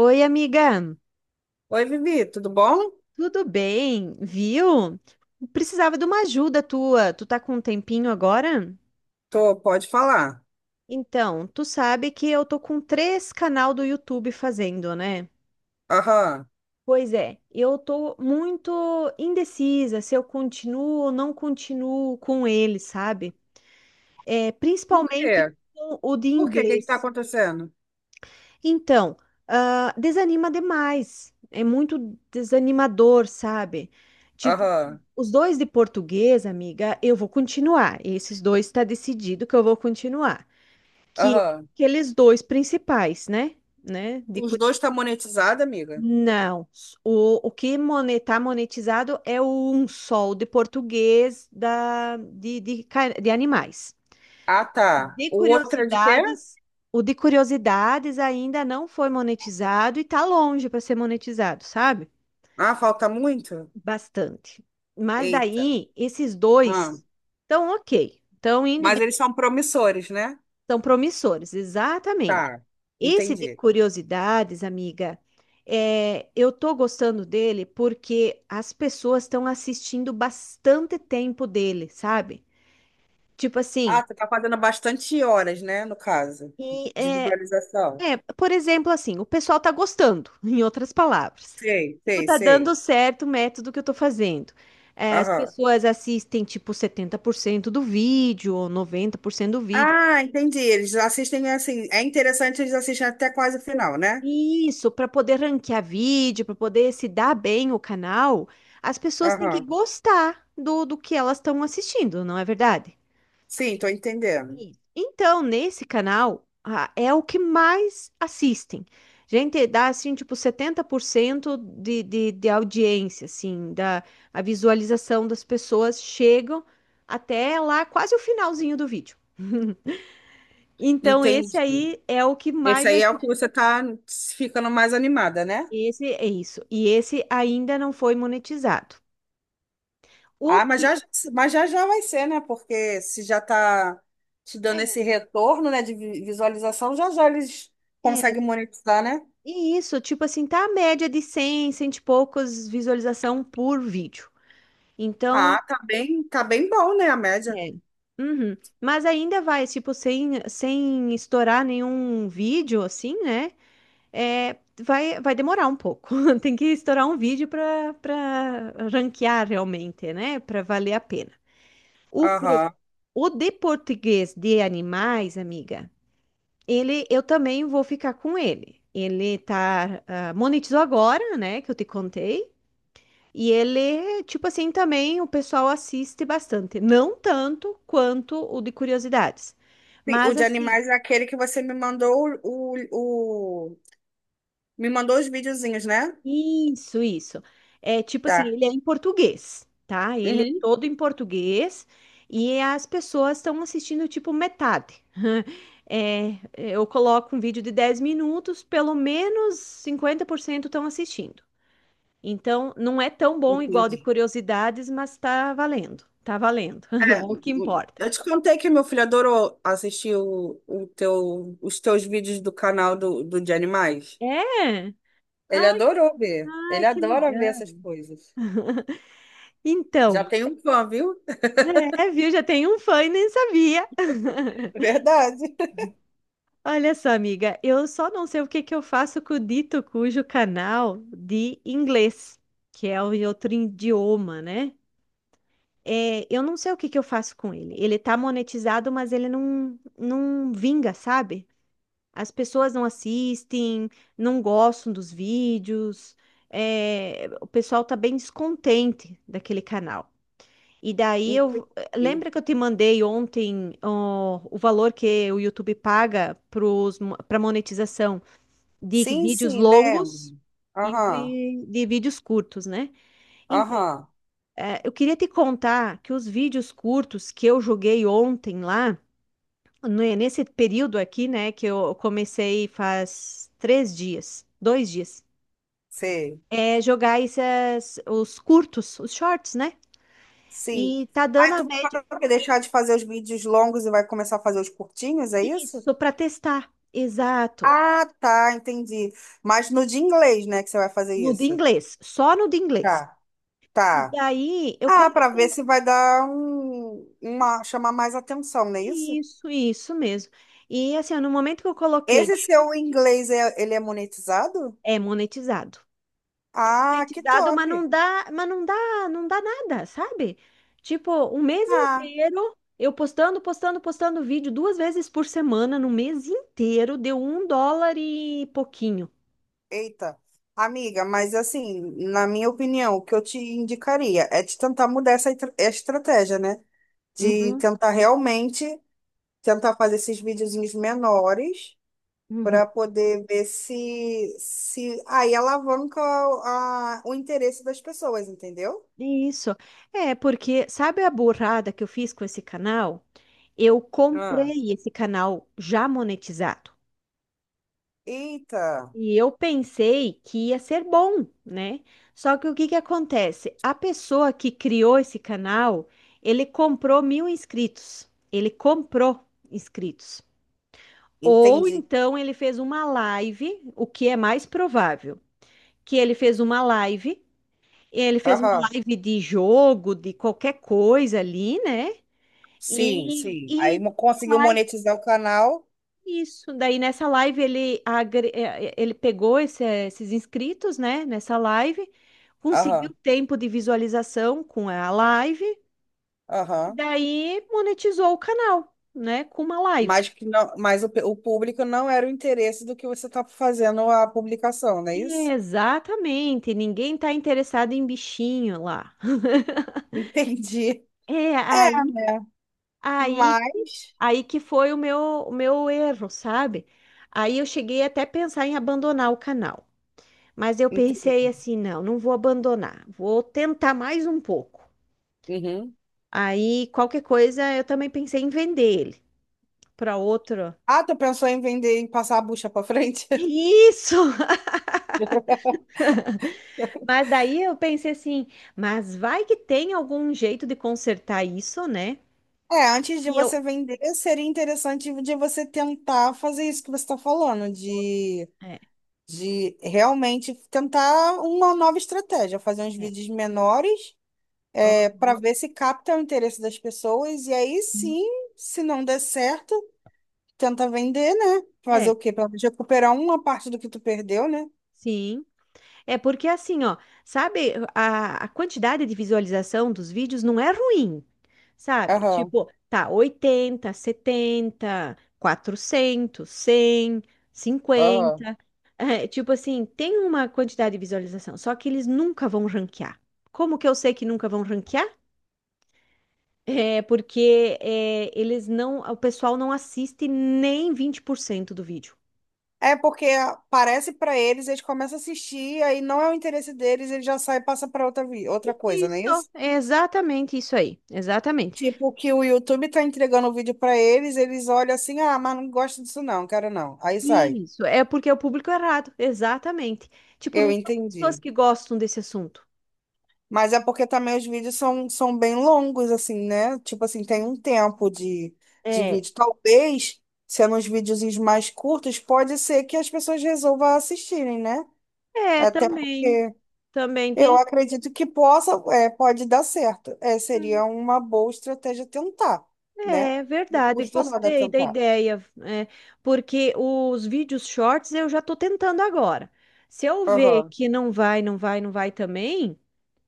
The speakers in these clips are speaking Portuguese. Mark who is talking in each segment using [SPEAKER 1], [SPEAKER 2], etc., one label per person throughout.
[SPEAKER 1] Oi, amiga,
[SPEAKER 2] Oi, Vivi, tudo bom?
[SPEAKER 1] tudo bem? Viu? Precisava de uma ajuda tua. Tu tá com um tempinho agora?
[SPEAKER 2] Tô, pode falar.
[SPEAKER 1] Então, tu sabe que eu tô com 3 canal do YouTube fazendo, né?
[SPEAKER 2] Aham.
[SPEAKER 1] Pois é, eu tô muito indecisa se eu continuo ou não continuo com ele, sabe?
[SPEAKER 2] Por quê?
[SPEAKER 1] Principalmente
[SPEAKER 2] Por
[SPEAKER 1] com o de
[SPEAKER 2] quê? O que que tá
[SPEAKER 1] inglês.
[SPEAKER 2] acontecendo?
[SPEAKER 1] Então, desanima demais. É muito desanimador, sabe? Tipo,
[SPEAKER 2] Aham,
[SPEAKER 1] os dois de português, amiga, eu vou continuar. Esses dois está decidido que eu vou continuar. Que é
[SPEAKER 2] aham.
[SPEAKER 1] aqueles dois principais, né? Né? De
[SPEAKER 2] Os
[SPEAKER 1] Curi-
[SPEAKER 2] dois tá monetizado, amiga?
[SPEAKER 1] Não. O que está monetizado é o um sol de português da, de, ca- de animais.
[SPEAKER 2] Ah, tá.
[SPEAKER 1] De
[SPEAKER 2] O outro é de quê?
[SPEAKER 1] curiosidades, o de curiosidades ainda não foi monetizado e tá longe para ser monetizado, sabe?
[SPEAKER 2] Ah, falta muito?
[SPEAKER 1] Bastante. Mas
[SPEAKER 2] Eita.
[SPEAKER 1] daí, esses
[SPEAKER 2] Ah.
[SPEAKER 1] dois estão ok, estão
[SPEAKER 2] Mas eles são promissores, né?
[SPEAKER 1] estão promissores, exatamente.
[SPEAKER 2] Tá,
[SPEAKER 1] Esse de
[SPEAKER 2] entendi.
[SPEAKER 1] curiosidades, amiga, eu tô gostando dele porque as pessoas estão assistindo bastante tempo dele, sabe? Tipo assim,
[SPEAKER 2] Ah, tu tá fazendo bastante horas, né, no caso,
[SPEAKER 1] e,
[SPEAKER 2] de
[SPEAKER 1] é,
[SPEAKER 2] visualização.
[SPEAKER 1] é, por exemplo, assim, o pessoal tá gostando, em outras palavras.
[SPEAKER 2] Sei,
[SPEAKER 1] Tipo,
[SPEAKER 2] sei,
[SPEAKER 1] tá dando
[SPEAKER 2] sei.
[SPEAKER 1] certo o método que eu tô fazendo. É, as
[SPEAKER 2] Aham.
[SPEAKER 1] pessoas assistem, tipo, 70% do vídeo, ou 90% do vídeo.
[SPEAKER 2] Ah, entendi. Eles assistem assim. É interessante, eles assistem até quase o final, né?
[SPEAKER 1] Isso, para poder ranquear vídeo, para poder se dar bem o canal, as pessoas têm que
[SPEAKER 2] Aham.
[SPEAKER 1] gostar do que elas estão assistindo, não é verdade?
[SPEAKER 2] Sim, tô entendendo.
[SPEAKER 1] Isso. Então, nesse canal, ah, é o que mais assistem. Gente, dá assim, tipo, 70% de audiência, assim, da a visualização das pessoas chegam até lá, quase o finalzinho do vídeo. Então, esse
[SPEAKER 2] Entendi.
[SPEAKER 1] aí é o que
[SPEAKER 2] Esse
[SPEAKER 1] mais vai
[SPEAKER 2] aí é o
[SPEAKER 1] ser.
[SPEAKER 2] que você tá ficando mais animada, né?
[SPEAKER 1] Esse é isso. E esse ainda não foi monetizado.
[SPEAKER 2] Ah,
[SPEAKER 1] O que.
[SPEAKER 2] mas já já vai ser, né? Porque se já tá te dando esse
[SPEAKER 1] É,
[SPEAKER 2] retorno, né, de visualização, já já eles
[SPEAKER 1] é,
[SPEAKER 2] conseguem monetizar, né?
[SPEAKER 1] e isso, tipo assim, tá a média de 100 100 e poucos visualização por vídeo. Então,
[SPEAKER 2] Ah, tá bem bom, né, a média.
[SPEAKER 1] É. Uhum. Mas ainda vai, tipo, sem estourar nenhum vídeo, assim, né? É, vai, vai demorar um pouco. Tem que estourar um vídeo para para ranquear realmente, né? Para valer a pena. O, pro-
[SPEAKER 2] Aham.
[SPEAKER 1] o de português de animais, amiga, ele eu também vou ficar com ele. Ele tá, ah, monetizou agora, né? Que eu te contei. E ele, tipo assim, também o pessoal assiste bastante. Não tanto quanto o de curiosidades.
[SPEAKER 2] Sim, o
[SPEAKER 1] Mas
[SPEAKER 2] de
[SPEAKER 1] assim,
[SPEAKER 2] animais é aquele que você me mandou me mandou os videozinhos, né?
[SPEAKER 1] isso. É tipo assim,
[SPEAKER 2] Tá.
[SPEAKER 1] ele é em português, tá? Ele é
[SPEAKER 2] Uhum.
[SPEAKER 1] todo em português e as pessoas estão assistindo tipo metade. É, eu coloco um vídeo de 10 minutos, pelo menos 50% estão assistindo. Então, não é tão bom igual de
[SPEAKER 2] Entendi.
[SPEAKER 1] curiosidades, mas tá valendo. Tá valendo. É
[SPEAKER 2] É,
[SPEAKER 1] o que importa.
[SPEAKER 2] eu te contei que meu filho adorou assistir os teus vídeos do canal do, do de animais.
[SPEAKER 1] É?
[SPEAKER 2] Ele
[SPEAKER 1] Ai,
[SPEAKER 2] adorou ver. Ele
[SPEAKER 1] ai, que
[SPEAKER 2] adora ver
[SPEAKER 1] legal.
[SPEAKER 2] essas coisas.
[SPEAKER 1] Então,
[SPEAKER 2] Já tem um fã, viu?
[SPEAKER 1] é, viu? Já tem um fã e nem sabia.
[SPEAKER 2] Verdade.
[SPEAKER 1] Olha só, amiga, eu só não sei o que que eu faço com o dito cujo canal de inglês, que é o em outro idioma, né? É, eu não sei o que que eu faço com ele. Ele tá monetizado, mas ele não vinga, sabe? As pessoas não assistem, não gostam dos vídeos. É, o pessoal tá bem descontente daquele canal. E daí eu
[SPEAKER 2] Inclusive.
[SPEAKER 1] lembra que eu te mandei ontem ó, o valor que o YouTube paga para monetização de
[SPEAKER 2] Sim,
[SPEAKER 1] vídeos
[SPEAKER 2] sim, lembro.
[SPEAKER 1] longos e
[SPEAKER 2] Aham,
[SPEAKER 1] de vídeos curtos, né? Então,
[SPEAKER 2] aham,
[SPEAKER 1] eu queria te contar que os vídeos curtos que eu joguei ontem lá, né, nesse período aqui, né, que eu comecei faz 3 dias, 2 dias,
[SPEAKER 2] sei.
[SPEAKER 1] é jogar esses, os curtos, os shorts, né?
[SPEAKER 2] Sim.
[SPEAKER 1] E tá dando
[SPEAKER 2] Aí tu vai deixar de fazer os vídeos longos e vai começar a fazer os curtinhos, é isso?
[SPEAKER 1] Isso, para testar. Exato.
[SPEAKER 2] Ah, tá, entendi. Mas no de inglês, né, que você vai fazer
[SPEAKER 1] No de
[SPEAKER 2] isso?
[SPEAKER 1] inglês, só no de inglês.
[SPEAKER 2] Tá,
[SPEAKER 1] E
[SPEAKER 2] tá.
[SPEAKER 1] daí eu
[SPEAKER 2] Ah, para ver
[SPEAKER 1] comecei.
[SPEAKER 2] se vai dar um, uma, chamar mais atenção, não é isso?
[SPEAKER 1] Isso mesmo. E assim, no momento que eu coloquei,
[SPEAKER 2] Esse seu inglês, ele é monetizado?
[SPEAKER 1] é monetizado. É
[SPEAKER 2] Ah, que
[SPEAKER 1] monetizado,
[SPEAKER 2] top.
[SPEAKER 1] mas não dá, não dá nada, sabe? Tipo, um mês
[SPEAKER 2] Ah,
[SPEAKER 1] inteiro eu postando vídeo 2 vezes por semana, no mês inteiro, deu $1 e pouquinho.
[SPEAKER 2] eita. Amiga, mas assim, na minha opinião, o que eu te indicaria é de tentar mudar essa estratégia, né? De
[SPEAKER 1] Uhum,
[SPEAKER 2] tentar realmente tentar fazer esses videozinhos menores
[SPEAKER 1] uhum.
[SPEAKER 2] para poder ver se, se aí alavanca o interesse das pessoas, entendeu?
[SPEAKER 1] Isso. É, porque sabe a burrada que eu fiz com esse canal? Eu
[SPEAKER 2] Ah.
[SPEAKER 1] comprei esse canal já monetizado.
[SPEAKER 2] Eita.
[SPEAKER 1] E eu pensei que ia ser bom, né? Só que o que que acontece? A pessoa que criou esse canal, ele comprou 1.000 inscritos. Ele comprou inscritos. Ou
[SPEAKER 2] Entendi.
[SPEAKER 1] então ele fez uma live, o que é mais provável, que ele fez uma live, ele fez uma
[SPEAKER 2] Aham.
[SPEAKER 1] live de jogo, de qualquer coisa ali, né?
[SPEAKER 2] Sim,
[SPEAKER 1] E,
[SPEAKER 2] sim. Aí
[SPEAKER 1] e
[SPEAKER 2] conseguiu
[SPEAKER 1] live
[SPEAKER 2] monetizar o canal.
[SPEAKER 1] isso. Daí nessa live ele, ele pegou esse- esses inscritos, né? Nessa live,
[SPEAKER 2] Aham,
[SPEAKER 1] conseguiu tempo de visualização com a live, e
[SPEAKER 2] aham.
[SPEAKER 1] daí monetizou o canal, né? Com uma live.
[SPEAKER 2] Mas que não, mas o público não era o interesse do que você tá fazendo a publicação, não é isso?
[SPEAKER 1] Exatamente, ninguém tá interessado em bichinho lá.
[SPEAKER 2] Entendi.
[SPEAKER 1] É,
[SPEAKER 2] É,
[SPEAKER 1] aí,
[SPEAKER 2] né?
[SPEAKER 1] aí,
[SPEAKER 2] Mas.
[SPEAKER 1] aí que foi o meu erro, sabe? Aí eu cheguei até a pensar em abandonar o canal. Mas eu
[SPEAKER 2] Ente-
[SPEAKER 1] pensei assim, não, não vou abandonar, vou tentar mais um pouco.
[SPEAKER 2] Uhum.
[SPEAKER 1] Aí, qualquer coisa, eu também pensei em vender ele para outro.
[SPEAKER 2] Ah, tu pensou em vender e passar a bucha pra frente?
[SPEAKER 1] Isso! Mas daí eu pensei assim, mas vai que tem algum jeito de consertar isso, né?
[SPEAKER 2] É, antes de
[SPEAKER 1] E eu.
[SPEAKER 2] você vender, seria interessante de você tentar fazer isso que você está falando, de
[SPEAKER 1] É,
[SPEAKER 2] de realmente tentar uma nova estratégia, fazer uns
[SPEAKER 1] é.
[SPEAKER 2] vídeos menores, é, para
[SPEAKER 1] Aham,
[SPEAKER 2] ver se capta o interesse das pessoas e aí
[SPEAKER 1] sim.
[SPEAKER 2] sim, se não der certo, tenta vender, né? Fazer
[SPEAKER 1] É,
[SPEAKER 2] o quê? Para recuperar uma parte do que tu perdeu, né?
[SPEAKER 1] sim. É porque assim, ó, sabe, a quantidade de visualização dos vídeos não é ruim, sabe?
[SPEAKER 2] Aham,
[SPEAKER 1] Tipo, tá 80, 70, 400, 100,
[SPEAKER 2] aham.
[SPEAKER 1] 50, É, tipo assim, tem uma quantidade de visualização, só que eles nunca vão ranquear. Como que eu sei que nunca vão ranquear? É porque eles não, o pessoal não assiste nem 20% do vídeo.
[SPEAKER 2] É porque parece para eles, eles começam a assistir, aí não é o interesse deles, ele já sai e passa para outra, outra coisa, não é
[SPEAKER 1] Isso,
[SPEAKER 2] isso?
[SPEAKER 1] é exatamente isso aí, exatamente.
[SPEAKER 2] Tipo, que o YouTube tá entregando o vídeo para eles, eles olham assim, ah, mas não gosto disso não, quero não. Aí sai.
[SPEAKER 1] Isso, é porque é o público errado, exatamente. Tipo,
[SPEAKER 2] Eu
[SPEAKER 1] não são pessoas
[SPEAKER 2] entendi.
[SPEAKER 1] que gostam desse assunto.
[SPEAKER 2] Mas é porque também os vídeos são, são bem longos, assim, né? Tipo assim, tem um tempo de
[SPEAKER 1] É,
[SPEAKER 2] vídeo. Talvez, sendo uns videozinhos mais curtos, pode ser que as pessoas resolvam assistirem, né? Até
[SPEAKER 1] também,
[SPEAKER 2] porque
[SPEAKER 1] também
[SPEAKER 2] eu
[SPEAKER 1] tem.
[SPEAKER 2] acredito que possa, é, pode dar certo. É, seria uma boa estratégia tentar, né?
[SPEAKER 1] É,
[SPEAKER 2] Não
[SPEAKER 1] verdade,
[SPEAKER 2] custa nada
[SPEAKER 1] gostei da
[SPEAKER 2] tentar.
[SPEAKER 1] ideia, é, porque os vídeos shorts eu já tô tentando agora. Se eu ver
[SPEAKER 2] Aham,
[SPEAKER 1] que não vai também,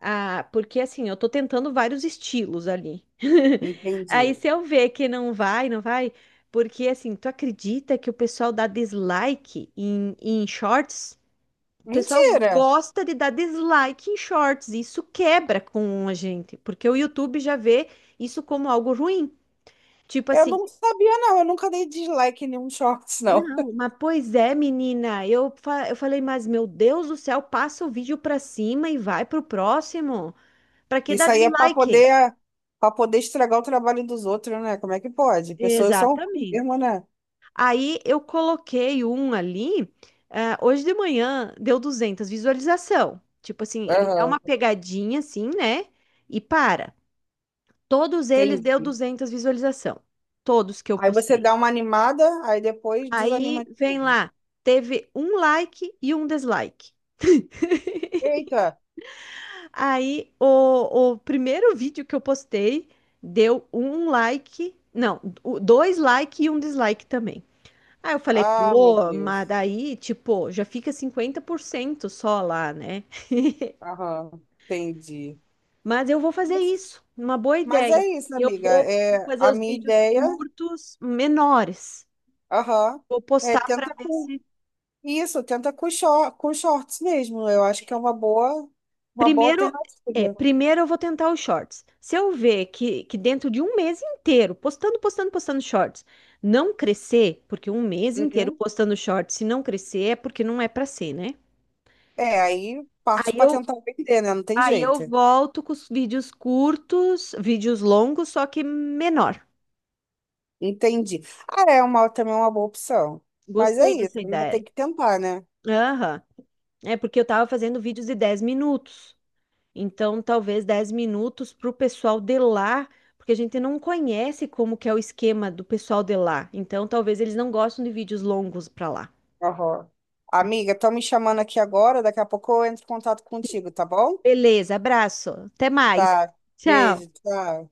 [SPEAKER 1] ah, porque assim, eu tô tentando vários estilos ali. Aí
[SPEAKER 2] entendi.
[SPEAKER 1] se eu ver que não vai, porque assim, tu acredita que o pessoal dá dislike em, em shorts? O pessoal
[SPEAKER 2] Mentira!
[SPEAKER 1] gosta de dar dislike em shorts, e isso quebra com a gente, porque o YouTube já vê isso como algo ruim. Tipo
[SPEAKER 2] Eu
[SPEAKER 1] assim,
[SPEAKER 2] não sabia, não. Eu nunca dei dislike em nenhum shorts, não.
[SPEAKER 1] não, mas pois é, menina, eu, eu falei, mas meu Deus do céu, passa o vídeo pra cima e vai pro próximo. Pra que dar
[SPEAKER 2] Isso aí é
[SPEAKER 1] dislike?
[SPEAKER 2] para poder estragar o trabalho dos outros, né? Como é que pode? Pessoas são ruins
[SPEAKER 1] Exatamente.
[SPEAKER 2] mesmo, né?
[SPEAKER 1] Aí eu coloquei um ali. Ah, hoje de manhã deu 200 visualização. Tipo assim, ele dá uma
[SPEAKER 2] Aham,
[SPEAKER 1] pegadinha assim, né? E para. Todos eles deu
[SPEAKER 2] entendi.
[SPEAKER 1] 200 visualização. Todos que eu
[SPEAKER 2] Aí você
[SPEAKER 1] postei.
[SPEAKER 2] dá uma animada, aí depois
[SPEAKER 1] Aí
[SPEAKER 2] desanima de
[SPEAKER 1] vem
[SPEAKER 2] novo.
[SPEAKER 1] lá, teve um like e um dislike.
[SPEAKER 2] Eita!
[SPEAKER 1] Aí o primeiro vídeo que eu postei deu um like, não, dois like e um dislike também. Aí eu falei,
[SPEAKER 2] Ah, meu
[SPEAKER 1] pô, mas
[SPEAKER 2] Deus.
[SPEAKER 1] daí, tipo, já fica 50% só lá, né?
[SPEAKER 2] Aham, entendi.
[SPEAKER 1] Mas eu vou fazer
[SPEAKER 2] Mas
[SPEAKER 1] isso, uma boa
[SPEAKER 2] mas
[SPEAKER 1] ideia.
[SPEAKER 2] é isso,
[SPEAKER 1] Eu
[SPEAKER 2] amiga.
[SPEAKER 1] vou
[SPEAKER 2] É,
[SPEAKER 1] fazer
[SPEAKER 2] a
[SPEAKER 1] os
[SPEAKER 2] minha
[SPEAKER 1] vídeos
[SPEAKER 2] ideia,
[SPEAKER 1] curtos, menores.
[SPEAKER 2] aham,
[SPEAKER 1] Vou
[SPEAKER 2] é
[SPEAKER 1] postar para
[SPEAKER 2] tenta
[SPEAKER 1] ver
[SPEAKER 2] com
[SPEAKER 1] se.
[SPEAKER 2] isso, tenta com, com shorts mesmo. Eu acho que é uma boa
[SPEAKER 1] Primeiro,
[SPEAKER 2] alternativa.
[SPEAKER 1] primeiro eu vou tentar os shorts. Se eu ver que dentro de um mês inteiro, postando shorts, não crescer, porque um mês inteiro
[SPEAKER 2] Uhum.
[SPEAKER 1] postando shorts, se não crescer, é porque não é para ser, né?
[SPEAKER 2] É, aí parte
[SPEAKER 1] Aí
[SPEAKER 2] para
[SPEAKER 1] eu
[SPEAKER 2] tentar vender, né? Não tem
[SPEAKER 1] Aí eu
[SPEAKER 2] jeito.
[SPEAKER 1] volto com os vídeos curtos, vídeos longos, só que menor.
[SPEAKER 2] Entendi. Ah, é uma, também é uma boa opção. Mas é
[SPEAKER 1] Gostei dessa
[SPEAKER 2] isso, né?
[SPEAKER 1] ideia.
[SPEAKER 2] Tem que tentar, né?
[SPEAKER 1] Aham. É porque eu tava fazendo vídeos de 10 minutos. Então, talvez 10 minutos para o pessoal de lá, porque a gente não conhece como que é o esquema do pessoal de lá. Então, talvez eles não gostam de vídeos longos para lá.
[SPEAKER 2] Aham. Amiga, estão me chamando aqui agora, daqui a pouco eu entro em contato contigo, tá bom?
[SPEAKER 1] Beleza, abraço. Até mais.
[SPEAKER 2] Tá.
[SPEAKER 1] Tchau.
[SPEAKER 2] Beijo, tchau.